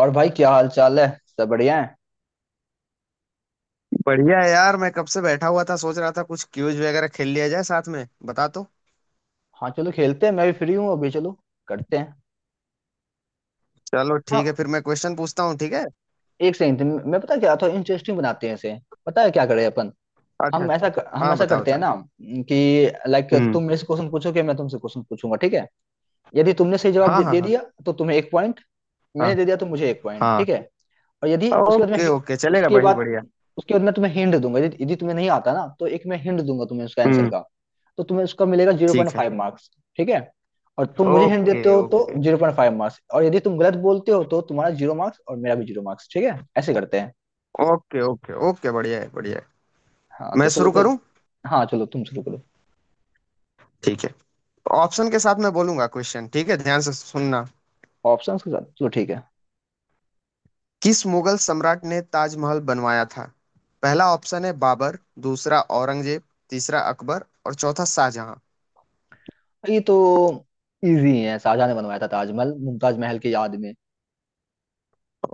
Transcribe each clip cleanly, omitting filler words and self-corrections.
और भाई क्या हाल चाल है? सब बढ़िया है। बढ़िया है यार। मैं कब से बैठा हुआ था, सोच रहा था कुछ क्यूज वगैरह खेल लिया जाए साथ में, बता तो। हाँ चलो खेलते हैं, मैं भी फ्री हूँ अभी। चलो करते हैं। चलो हाँ ठीक है, फिर मैं क्वेश्चन पूछता हूँ, ठीक है। एक सेकंड। मैं पता है क्या था, इंटरेस्टिंग बनाते हैं इसे। पता है क्या करें अपन। अच्छा हम अच्छा। ऐसा हम हाँ ऐसा बताओ करते हैं बता। ना? कि लाइक हम्म। तुम मेरे से क्वेश्चन पूछोगे, मैं तुमसे क्वेश्चन पूछूंगा, ठीक है? यदि तुमने सही जवाब हाँ दे, हाँ दे हाँ। दिया तो तुम्हें एक पॉइंट। मैंने हाँ दे दिया तो मुझे एक पॉइंट, हाँ। ठीक है। और यदि उसके बाद में ओके ओके, चलेगा, उसके बड़ी बाद बढ़िया। उसके बाद मैं तुम्हें हिंट दूंगा। यदि यदि तुम्हें नहीं आता ना, तो एक मैं हिंट दूंगा तुम्हें उसका आंसर हम्म। का। तो तुम्हें उसका मिलेगा जीरो पॉइंट ठीक है। फाइव मार्क्स, ठीक है। और तुम मुझे हिंट ओके देते हो तो okay zero point five marks, और यदि तुम गलत बोलते हो तो तुम्हारा जीरो मार्क्स और मेरा भी जीरो मार्क्स, ठीक है? ऐसे करते हैं। ओके। ओके ओके, बढ़िया है बढ़िया है। हाँ मैं तो चलो शुरू फिर। करूँ? हाँ चलो तुम शुरू करो। ठीक है। ऑप्शन के साथ मैं बोलूंगा क्वेश्चन, ठीक है, ध्यान से सुनना। ऑप्शन के साथ, चलो ठीक है। किस मुगल सम्राट ने ताजमहल बनवाया था? पहला ऑप्शन है बाबर, दूसरा औरंगजेब, तीसरा अकबर और चौथा शाहजहां। ये तो इजी है। शाहजहां ने बनवाया था ताजमहल, मुमताज महल की याद में।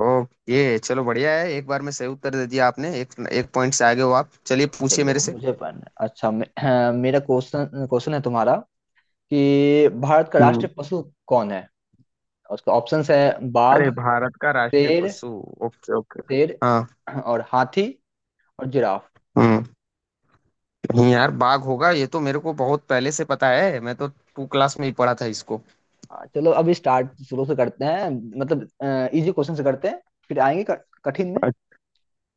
ओके चलो बढ़िया है, एक बार में सही उत्तर दे दिया आपने, एक एक पॉइंट से आगे हो आप। चलिए पूछिए चलो मेरे से। मुझे पढ़ना अच्छा मेरा क्वेश्चन क्वेश्चन है तुम्हारा, कि भारत का हम्म। राष्ट्रीय पशु कौन है? उसका ऑप्शंस है बाघ, अरे, भारत का राष्ट्रीय शेर पशु। Okay okay. शेर हाँ। और हाथी, और जिराफ। हम्म। नहीं यार, बाघ होगा, ये तो मेरे को बहुत पहले से पता है, मैं तो टू क्लास में ही पढ़ा था इसको। हाँ, चलो अब स्टार्ट शुरू से करते हैं। मतलब इजी क्वेश्चन से करते हैं, फिर आएंगे कठिन में। अच्छा।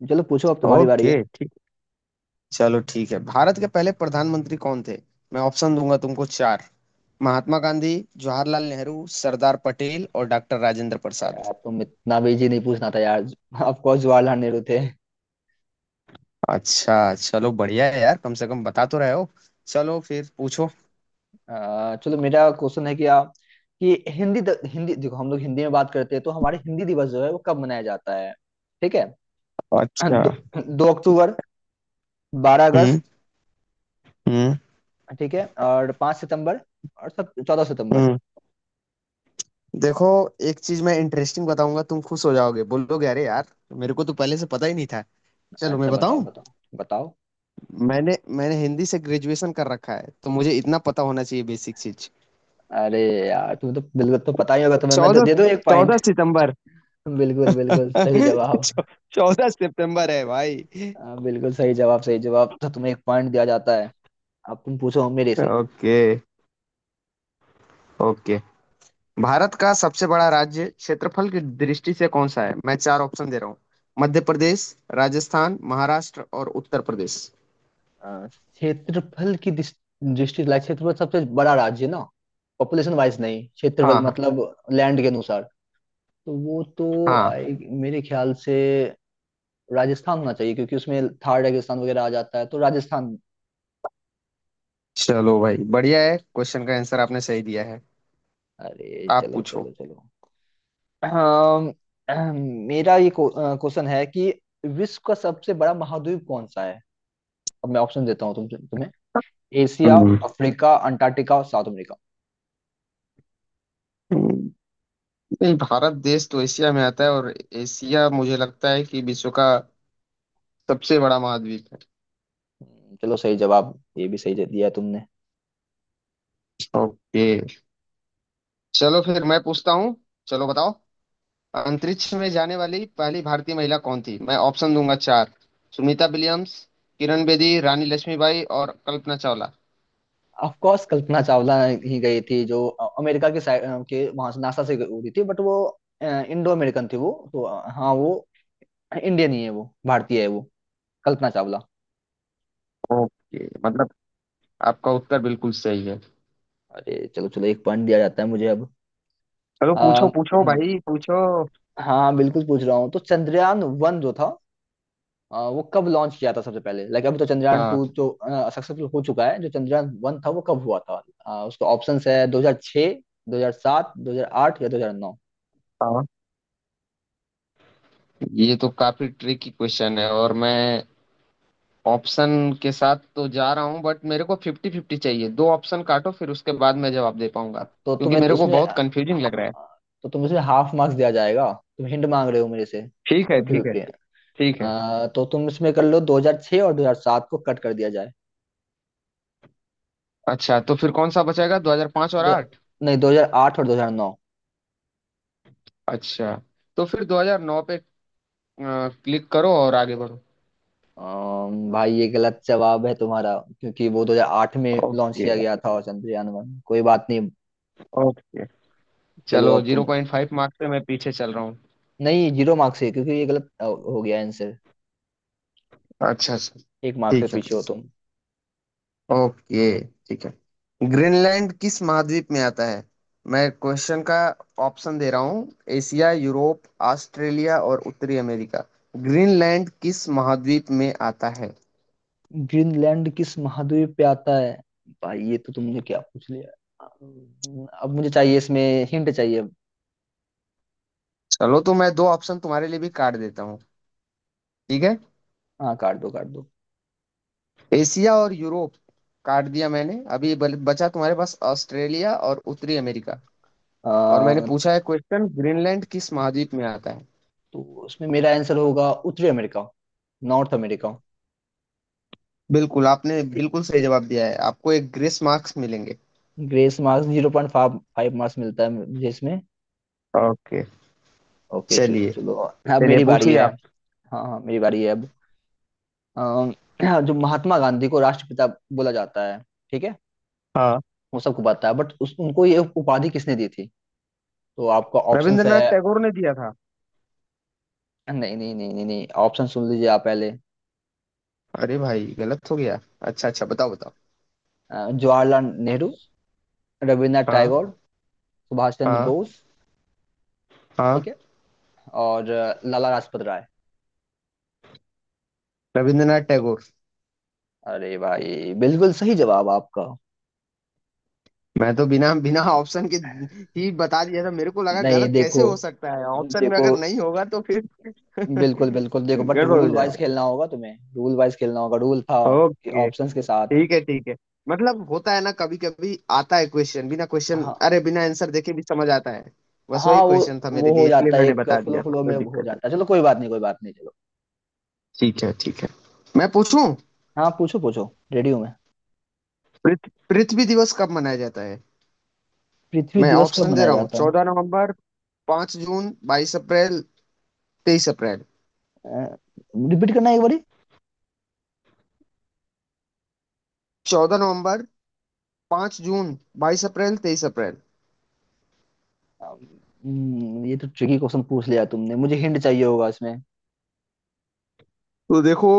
चलो पूछो, अब तुम्हारी बारी है। ओके ठीक। चलो ठीक है, भारत के पहले प्रधानमंत्री कौन थे? मैं ऑप्शन दूंगा तुमको चार। महात्मा गांधी, जवाहरलाल नेहरू, सरदार पटेल और डॉक्टर राजेंद्र प्रसाद। यार तुम इतना भी इजी नहीं पूछना था यार। ऑफ कोर्स जवाहरलाल नेहरू थे। अच्छा चलो बढ़िया है यार, कम से कम बता तो रहे हो। चलो फिर पूछो। चलो मेरा क्वेश्चन है कि आप, कि हिंदी हिंदी, देखो हम लोग हिंदी में बात करते हैं तो हमारे हिंदी दिवस जो है वो कब मनाया जाता है, ठीक है? अच्छा। दो, 2 अक्टूबर, 12 अगस्त, हम्म। हम्म। ठीक है, और 5 सितंबर, और सब 14 सितंबर। हम्म। देखो, एक चीज मैं इंटरेस्टिंग बताऊंगा, तुम खुश हो जाओगे, बोलोगे अरे यार, मेरे को तो पहले से पता ही नहीं था। चलो मैं अच्छा बताओ बताऊं। बताओ, बताओ। मैंने मैंने हिंदी से ग्रेजुएशन कर रखा है, तो मुझे इतना पता होना चाहिए, बेसिक चीज। अरे यार तुम्हें तो बिल्कुल तो पता ही होगा तुम्हें, मैं तो चौदह, दे दूं एक पॉइंट। चौदह सितंबर। बिल्कुल बिल्कुल सही जवाब। चौदह सितंबर है भाई। हाँ, बिल्कुल सही जवाब, सही जवाब, तो तुम्हें एक पॉइंट दिया जाता है। अब तुम पूछो मेरे से। Okay okay. भारत का सबसे बड़ा राज्य क्षेत्रफल की दृष्टि से कौन सा है? मैं चार ऑप्शन दे रहा हूँ। मध्य प्रदेश, राजस्थान, महाराष्ट्र और उत्तर प्रदेश। अ, क्षेत्रफल की दृष्टि, लाइक क्षेत्रफल सबसे बड़ा राज्य है ना? पॉपुलेशन वाइज नहीं, क्षेत्रफल, हाँ हाँ। मतलब लैंड के अनुसार। तो वो तो हाँ। मेरे ख्याल से राजस्थान होना चाहिए क्योंकि उसमें थार रेगिस्तान वगैरह आ जाता है, तो राजस्थान। चलो भाई बढ़िया है, क्वेश्चन का आंसर आपने सही दिया है। अरे आप चलो पूछो। चलो चलो। अम, अम, मेरा ये क्वेश्चन है कि विश्व का सबसे बड़ा महाद्वीप कौन सा है? अब मैं ऑप्शन देता हूँ तुम्हें: एशिया, हम्म। अफ्रीका, अंटार्कटिका और साउथ अमेरिका। हम्म, नहीं, भारत देश तो एशिया में आता है, और एशिया मुझे लगता है कि विश्व का सबसे बड़ा महाद्वीप है। चलो सही जवाब, ये भी सही दे दिया तुमने। ओके। चलो फिर मैं पूछता हूँ। चलो बताओ। अंतरिक्ष में जाने वाली पहली भारतीय महिला कौन थी? मैं ऑप्शन दूंगा चार। सुनीता विलियम्स, किरण बेदी, रानी लक्ष्मीबाई और कल्पना चावला। ऑफ कोर्स कल्पना चावला ही गई थी, जो अमेरिका के साइड के वहां से नासा से उड़ी थी, बट वो इंडो अमेरिकन थी वो, तो हाँ वो इंडियन ही है, वो भारतीय है वो, कल्पना चावला। ओके मतलब आपका उत्तर बिल्कुल सही है। अरे चलो चलो, एक पॉइंट दिया जाता है मुझे। चलो पूछो अब पूछो भाई पूछो। हाँ हाँ, बिल्कुल पूछ रहा हूँ। तो चंद्रयान वन जो था, वो कब लॉन्च किया था सबसे पहले, लाइक अभी तो चंद्रयान हाँ टू जो सक्सेसफुल हो चुका है, जो चंद्रयान वन था वो कब हुआ था? उसका ऑप्शंस है 2006, 2007, 2008 या 2009। हाँ। ये तो काफी ट्रिकी क्वेश्चन है, और मैं ऑप्शन के साथ तो जा रहा हूँ, बट मेरे को फिफ्टी फिफ्टी चाहिए, दो ऑप्शन काटो, फिर उसके बाद मैं जवाब दे पाऊंगा, तो क्योंकि तुम्हें तो मेरे को उसमें बहुत अ, कंफ्यूजिंग लग रहा है। तो तुम्हें उसमें हाफ मार्क्स दिया जाएगा, तुम हिंट मांग रहे हो मेरे से, ठीक है फिफ्टी ठीक है। फिफ्टी। ठीक है। तो तुम इसमें कर लो, 2006 और 2007 को कट कर दिया जाए। अच्छा तो फिर कौन सा बचेगा, 2005 और दो, 8? नहीं, 2008 और 2009। अच्छा तो फिर 2009 पे क्लिक करो और आगे बढ़ो। भाई ये गलत जवाब है तुम्हारा, क्योंकि वो 2008 में लॉन्च ओके किया गया था और चंद्रयान वन, कोई बात नहीं। ओके। चलो चलो अब तुम, 0.5 मार्क्स पे मैं पीछे चल रहा हूँ। नहीं जीरो मार्क्स है क्योंकि ये गलत हो गया आंसर। अच्छा अच्छा। एक मार्क्स से ठीक है। पीछे हो तुम। ओके। ठीक है। ग्रीनलैंड किस महाद्वीप में आता है? मैं क्वेश्चन का ऑप्शन दे रहा हूँ, एशिया, यूरोप, ऑस्ट्रेलिया और उत्तरी अमेरिका। ग्रीनलैंड किस महाद्वीप में आता है? ग्रीनलैंड किस महाद्वीप पे आता है? भाई ये तो तुमने क्या पूछ लिया। अब मुझे चाहिए इसमें, हिंट चाहिए। चलो तो मैं दो ऑप्शन तुम्हारे लिए भी काट देता हूँ, ठीक है। हाँ काट दो काट दो। एशिया और यूरोप काट दिया मैंने। अभी बचा तुम्हारे पास ऑस्ट्रेलिया और उत्तरी अमेरिका। और मैंने आ, पूछा है क्वेश्चन, ग्रीनलैंड किस महाद्वीप में आता है? तो उसमें मेरा आंसर होगा उत्तरी अमेरिका, नॉर्थ अमेरिका। बिल्कुल, आपने बिल्कुल सही जवाब दिया है, आपको एक ग्रेस मार्क्स मिलेंगे। Grace marks, zero point five marks मिलता है मुझे इसमें। ओके। ओके चलो चलिए। चलो, अब चलिए मेरी बारी पूछिए है। आप। हाँ हाँ, मेरी बारी है अब। अम, हाँ, जो महात्मा गांधी को राष्ट्रपिता बोला जाता है, ठीक है, हाँ, वो सबको पता है, बट उस उनको ये उपाधि किसने दी थी? तो आपका ऑप्शंस है। रविंद्रनाथ टैगोर ने दिया था। नहीं नहीं नहीं नहीं नहीं, ऑप्शन सुन लीजिए आप पहले। अरे भाई गलत हो गया। अच्छा अच्छा बताओ बताओ। जवाहरलाल नेहरू, रविन्द्रनाथ हाँ टैगोर, सुभाष चंद्र हाँ। बोस, हाँ। ठीक है, और लाला लाजपत राय। रविंद्रनाथ टैगोर। अरे भाई बिल्कुल सही जवाब आपका। मैं तो बिना बिना ऑप्शन के ही बता दिया था, मेरे को लगा नहीं गलत कैसे देखो, हो सकता है, ऑप्शन में देखो, अगर नहीं होगा तो फिर बिल्कुल बिल्कुल, देखो बट गड़बड़ हो रूल वाइज जाएगा। खेलना होगा तुम्हें, रूल वाइज खेलना होगा, रूल था कि ओके। ऑप्शंस के साथ। ठीक है ठीक है। मतलब होता है ना, कभी कभी आता है क्वेश्चन, बिना क्वेश्चन, हाँ अरे बिना आंसर देखे भी समझ आता है। बस हाँ, वही वो क्वेश्चन था मेरे वो हो लिए, इसलिए जाता है, मैंने एक बता फ्लो दिया, फ्लो कोई में हो दिक्कत जाता है। चलो कोई बात नहीं, कोई बात नहीं, चलो। नहीं। ठीक है ठीक है। मैं पूछूं? हाँ पूछो पूछो, रेडी हूँ मैं। पृथ्वी दिवस कब मनाया जाता है? पृथ्वी मैं दिवस कब ऑप्शन दे मनाया रहा हूँ, जाता चौदह नवंबर, पांच जून, बाईस अप्रैल, तेईस अप्रैल। है? रिपीट करना एक बारी। चौदह नवंबर, पांच जून, बाईस अप्रैल, तेईस अप्रैल। ये तो ट्रिकी क्वेश्चन पूछ लिया तुमने, मुझे हिंट चाहिए होगा इसमें। तो देखो,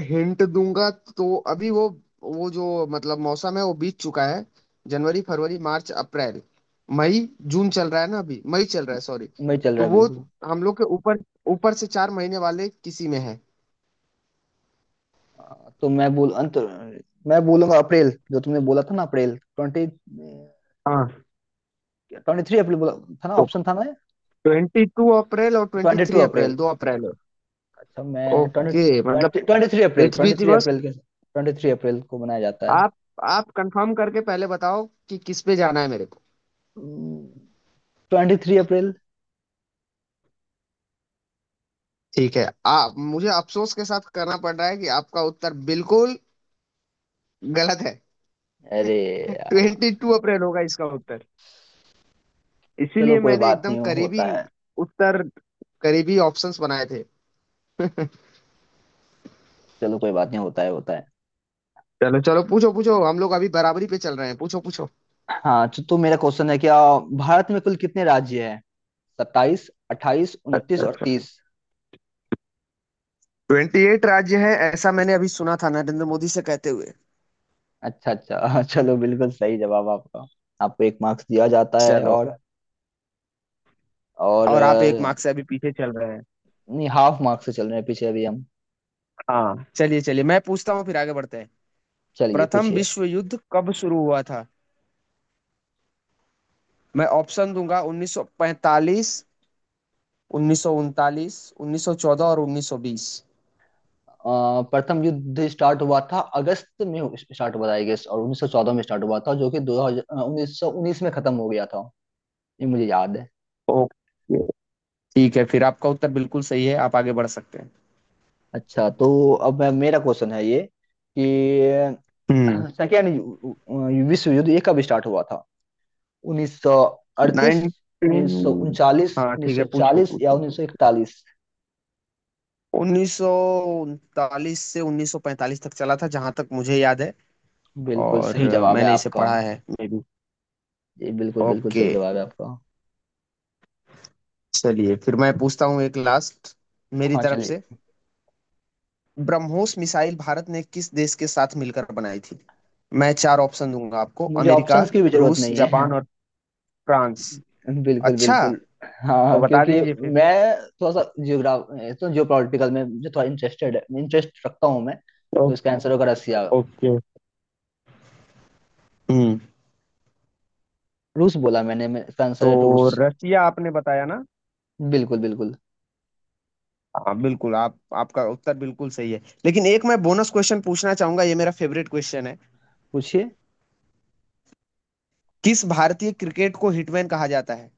हिंट दूंगा तो, अभी वो जो मतलब मौसम है वो बीत चुका है। जनवरी, फरवरी, मार्च, अप्रैल, मई, जून चल रहा है ना, अभी मई चल रहा है, सॉरी। मैं चल रहा तो है वो बिल्कुल। हम लोग के ऊपर, ऊपर से चार महीने वाले किसी में है। तो मैं बोलूंगा अप्रैल, जो तुमने बोला था ना, अप्रैल ट्वेंटी, हाँ। ट्वेंटी थ्री अप्रैल बोला था ना, तो ऑप्शन था ना? ट्वेंटी टू अप्रैल और twenty twenty two three April. April, दो अप्रैल है। अच्छा मैं ट्वेंटी ओके मतलब ट्वेंटी ट्वेंटी थ्री अप्रैल, पृथ्वी ट्वेंटी थ्री दिवस। अप्रैल के ट्वेंटी थ्री अप्रैल को मनाया जाता है। आप आप कंफर्म करके पहले बताओ कि किस पे जाना है मेरे को। Twenty three April. ठीक है आप, मुझे अफसोस के साथ करना पड़ रहा है कि आपका उत्तर बिल्कुल गलत है। अरे ट्वेंटी यार टू अप्रैल होगा इसका उत्तर, चलो इसीलिए कोई मैंने बात एकदम नहीं, हो करीबी होता है। उत्तर, करीबी ऑप्शंस बनाए थे। चलो कोई बात नहीं, होता है होता है। चलो चलो, पूछो पूछो, हम लोग अभी बराबरी पे चल रहे हैं, पूछो पूछो। हाँ तो मेरा क्वेश्चन है क्या, भारत में कुल कितने राज्य हैं? 27, 28, 29 और 30। ट्वेंटी एट राज्य है, ऐसा मैंने अभी सुना था नरेंद्र मोदी से कहते हुए। अच्छा अच्छा, चलो बिल्कुल सही जवाब आपका, आपको एक मार्क्स दिया जाता है। चलो। और और और आप एक अ, मार्क्स से अभी पीछे चल रहे हैं। नहीं, हाफ मार्क्स से चल रहे हैं पीछे अभी हम। हाँ चलिए चलिए, मैं पूछता हूँ फिर आगे बढ़ते हैं। चलिए प्रथम पूछिए। विश्व युद्ध कब शुरू हुआ था? मैं ऑप्शन दूंगा 1945, 1939, 1914 और 1920। प्रथम युद्ध स्टार्ट हुआ था, अगस्त में स्टार्ट हुआ था आई गेस, और 1914 में स्टार्ट हुआ था, जो कि 2000 1919 में खत्म हो गया था, ये मुझे याद है। ओके ठीक है, फिर आपका उत्तर बिल्कुल सही है, आप आगे बढ़ सकते हैं। अच्छा तो अब मेरा क्वेश्चन है ये, कि हम्म। सेकेंड विश्व युद्ध ये कब स्टार्ट हुआ था? 1938, 19। 1939, हाँ ठीक है, पूछो 1940 या पूछो। 1941? 1939 से 1945 तक चला था, जहां तक मुझे याद है। बिल्कुल और सही जवाब है मैंने इसे आपका। पढ़ा है, मे बी। ये बिल्कुल बिल्कुल ओके। सही जवाब है आपका। चलिए फिर मैं पूछता हूँ एक लास्ट मेरी हाँ तरफ चलिए। से। ब्रह्मोस मिसाइल भारत ने किस देश के साथ मिलकर बनाई थी? मैं चार ऑप्शन दूंगा आपको, मुझे अमेरिका, ऑप्शंस की भी जरूरत रूस, नहीं है। जापान और फ्रांस। बिल्कुल अच्छा बिल्कुल। तो हाँ बता क्योंकि दीजिए फिर। मैं थोड़ा सा जियोग्राफ तो जियोपॉलिटिकल में मुझे थोड़ा इंटरेस्टेड है, इंटरेस्ट रखता हूँ मैं। तो ओ- इसका आंसर होगा रसिया। ओके। हम्म। रूस बोला मैंने, मैं, इसका आंसर तो है रूस। रसिया आपने बताया ना। बिल्कुल बिल्कुल। हाँ बिल्कुल आप, आपका उत्तर बिल्कुल सही है, लेकिन एक मैं बोनस क्वेश्चन पूछना चाहूंगा, ये मेरा फेवरेट क्वेश्चन है। पूछिए। किस भारतीय क्रिकेट को हिटमैन कहा जाता है?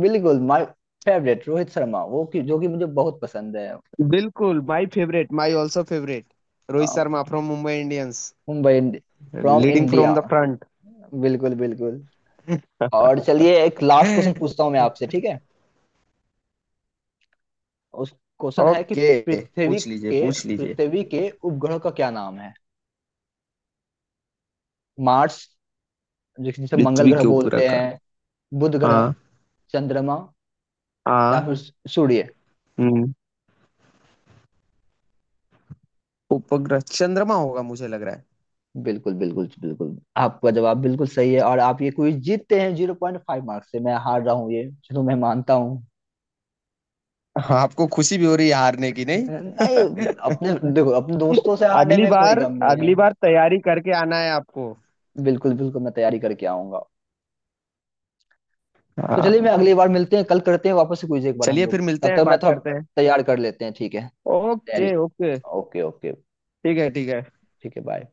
बिल्कुल माय फेवरेट रोहित शर्मा, वो कि जो कि मुझे बहुत पसंद है। बिल्कुल my favourite, my also favourite, ah, Rohit Sharma from Mumbai Indians, Mumbai, from leading India. From the front. बिल्कुल बिल्कुल। और चलिए, एक लास्ट क्वेश्चन पूछता हूँ मैं आपसे, ठीक है? उस क्वेश्चन है कि, ओके। पृथ्वी पूछ लीजिए के पूछ लीजिए। पृथ्वी के उपग्रह का क्या नाम है? मार्स, जिसे मंगल पृथ्वी ग्रह के उपग्रह बोलते का। हैं, बुध ग्रह, हाँ चंद्रमा, या हाँ। फिर सूर्य। हम्म। उपग्रह चंद्रमा होगा, मुझे लग रहा है। बिल्कुल बिल्कुल बिल्कुल, आपका जवाब बिल्कुल सही है और आप ये क्विज जीतते हैं। जीरो पॉइंट फाइव मार्क्स से मैं हार रहा हूँ ये, चलो मैं मानता हूँ। हाँ, आपको खुशी भी हो रही है हारने की नहीं। नहीं, अपने देखो, अपने दोस्तों से हारने अगली में कोई बार, गम नहीं है। अगली बार तैयारी करके आना है आपको। बिल्कुल बिल्कुल, मैं तैयारी करके आऊंगा। तो चलिए, मैं हाँ। अगली बार मिलते हैं, कल करते हैं वापस से क्विज एक बार हम चलिए लोग, फिर तब मिलते हैं, तक मैं बात थोड़ा करते हैं। तैयार कर लेते हैं, ठीक है? तैयारी। Okay okay. Okay okay. ठीक है ठीक है। ठीक है, बाय।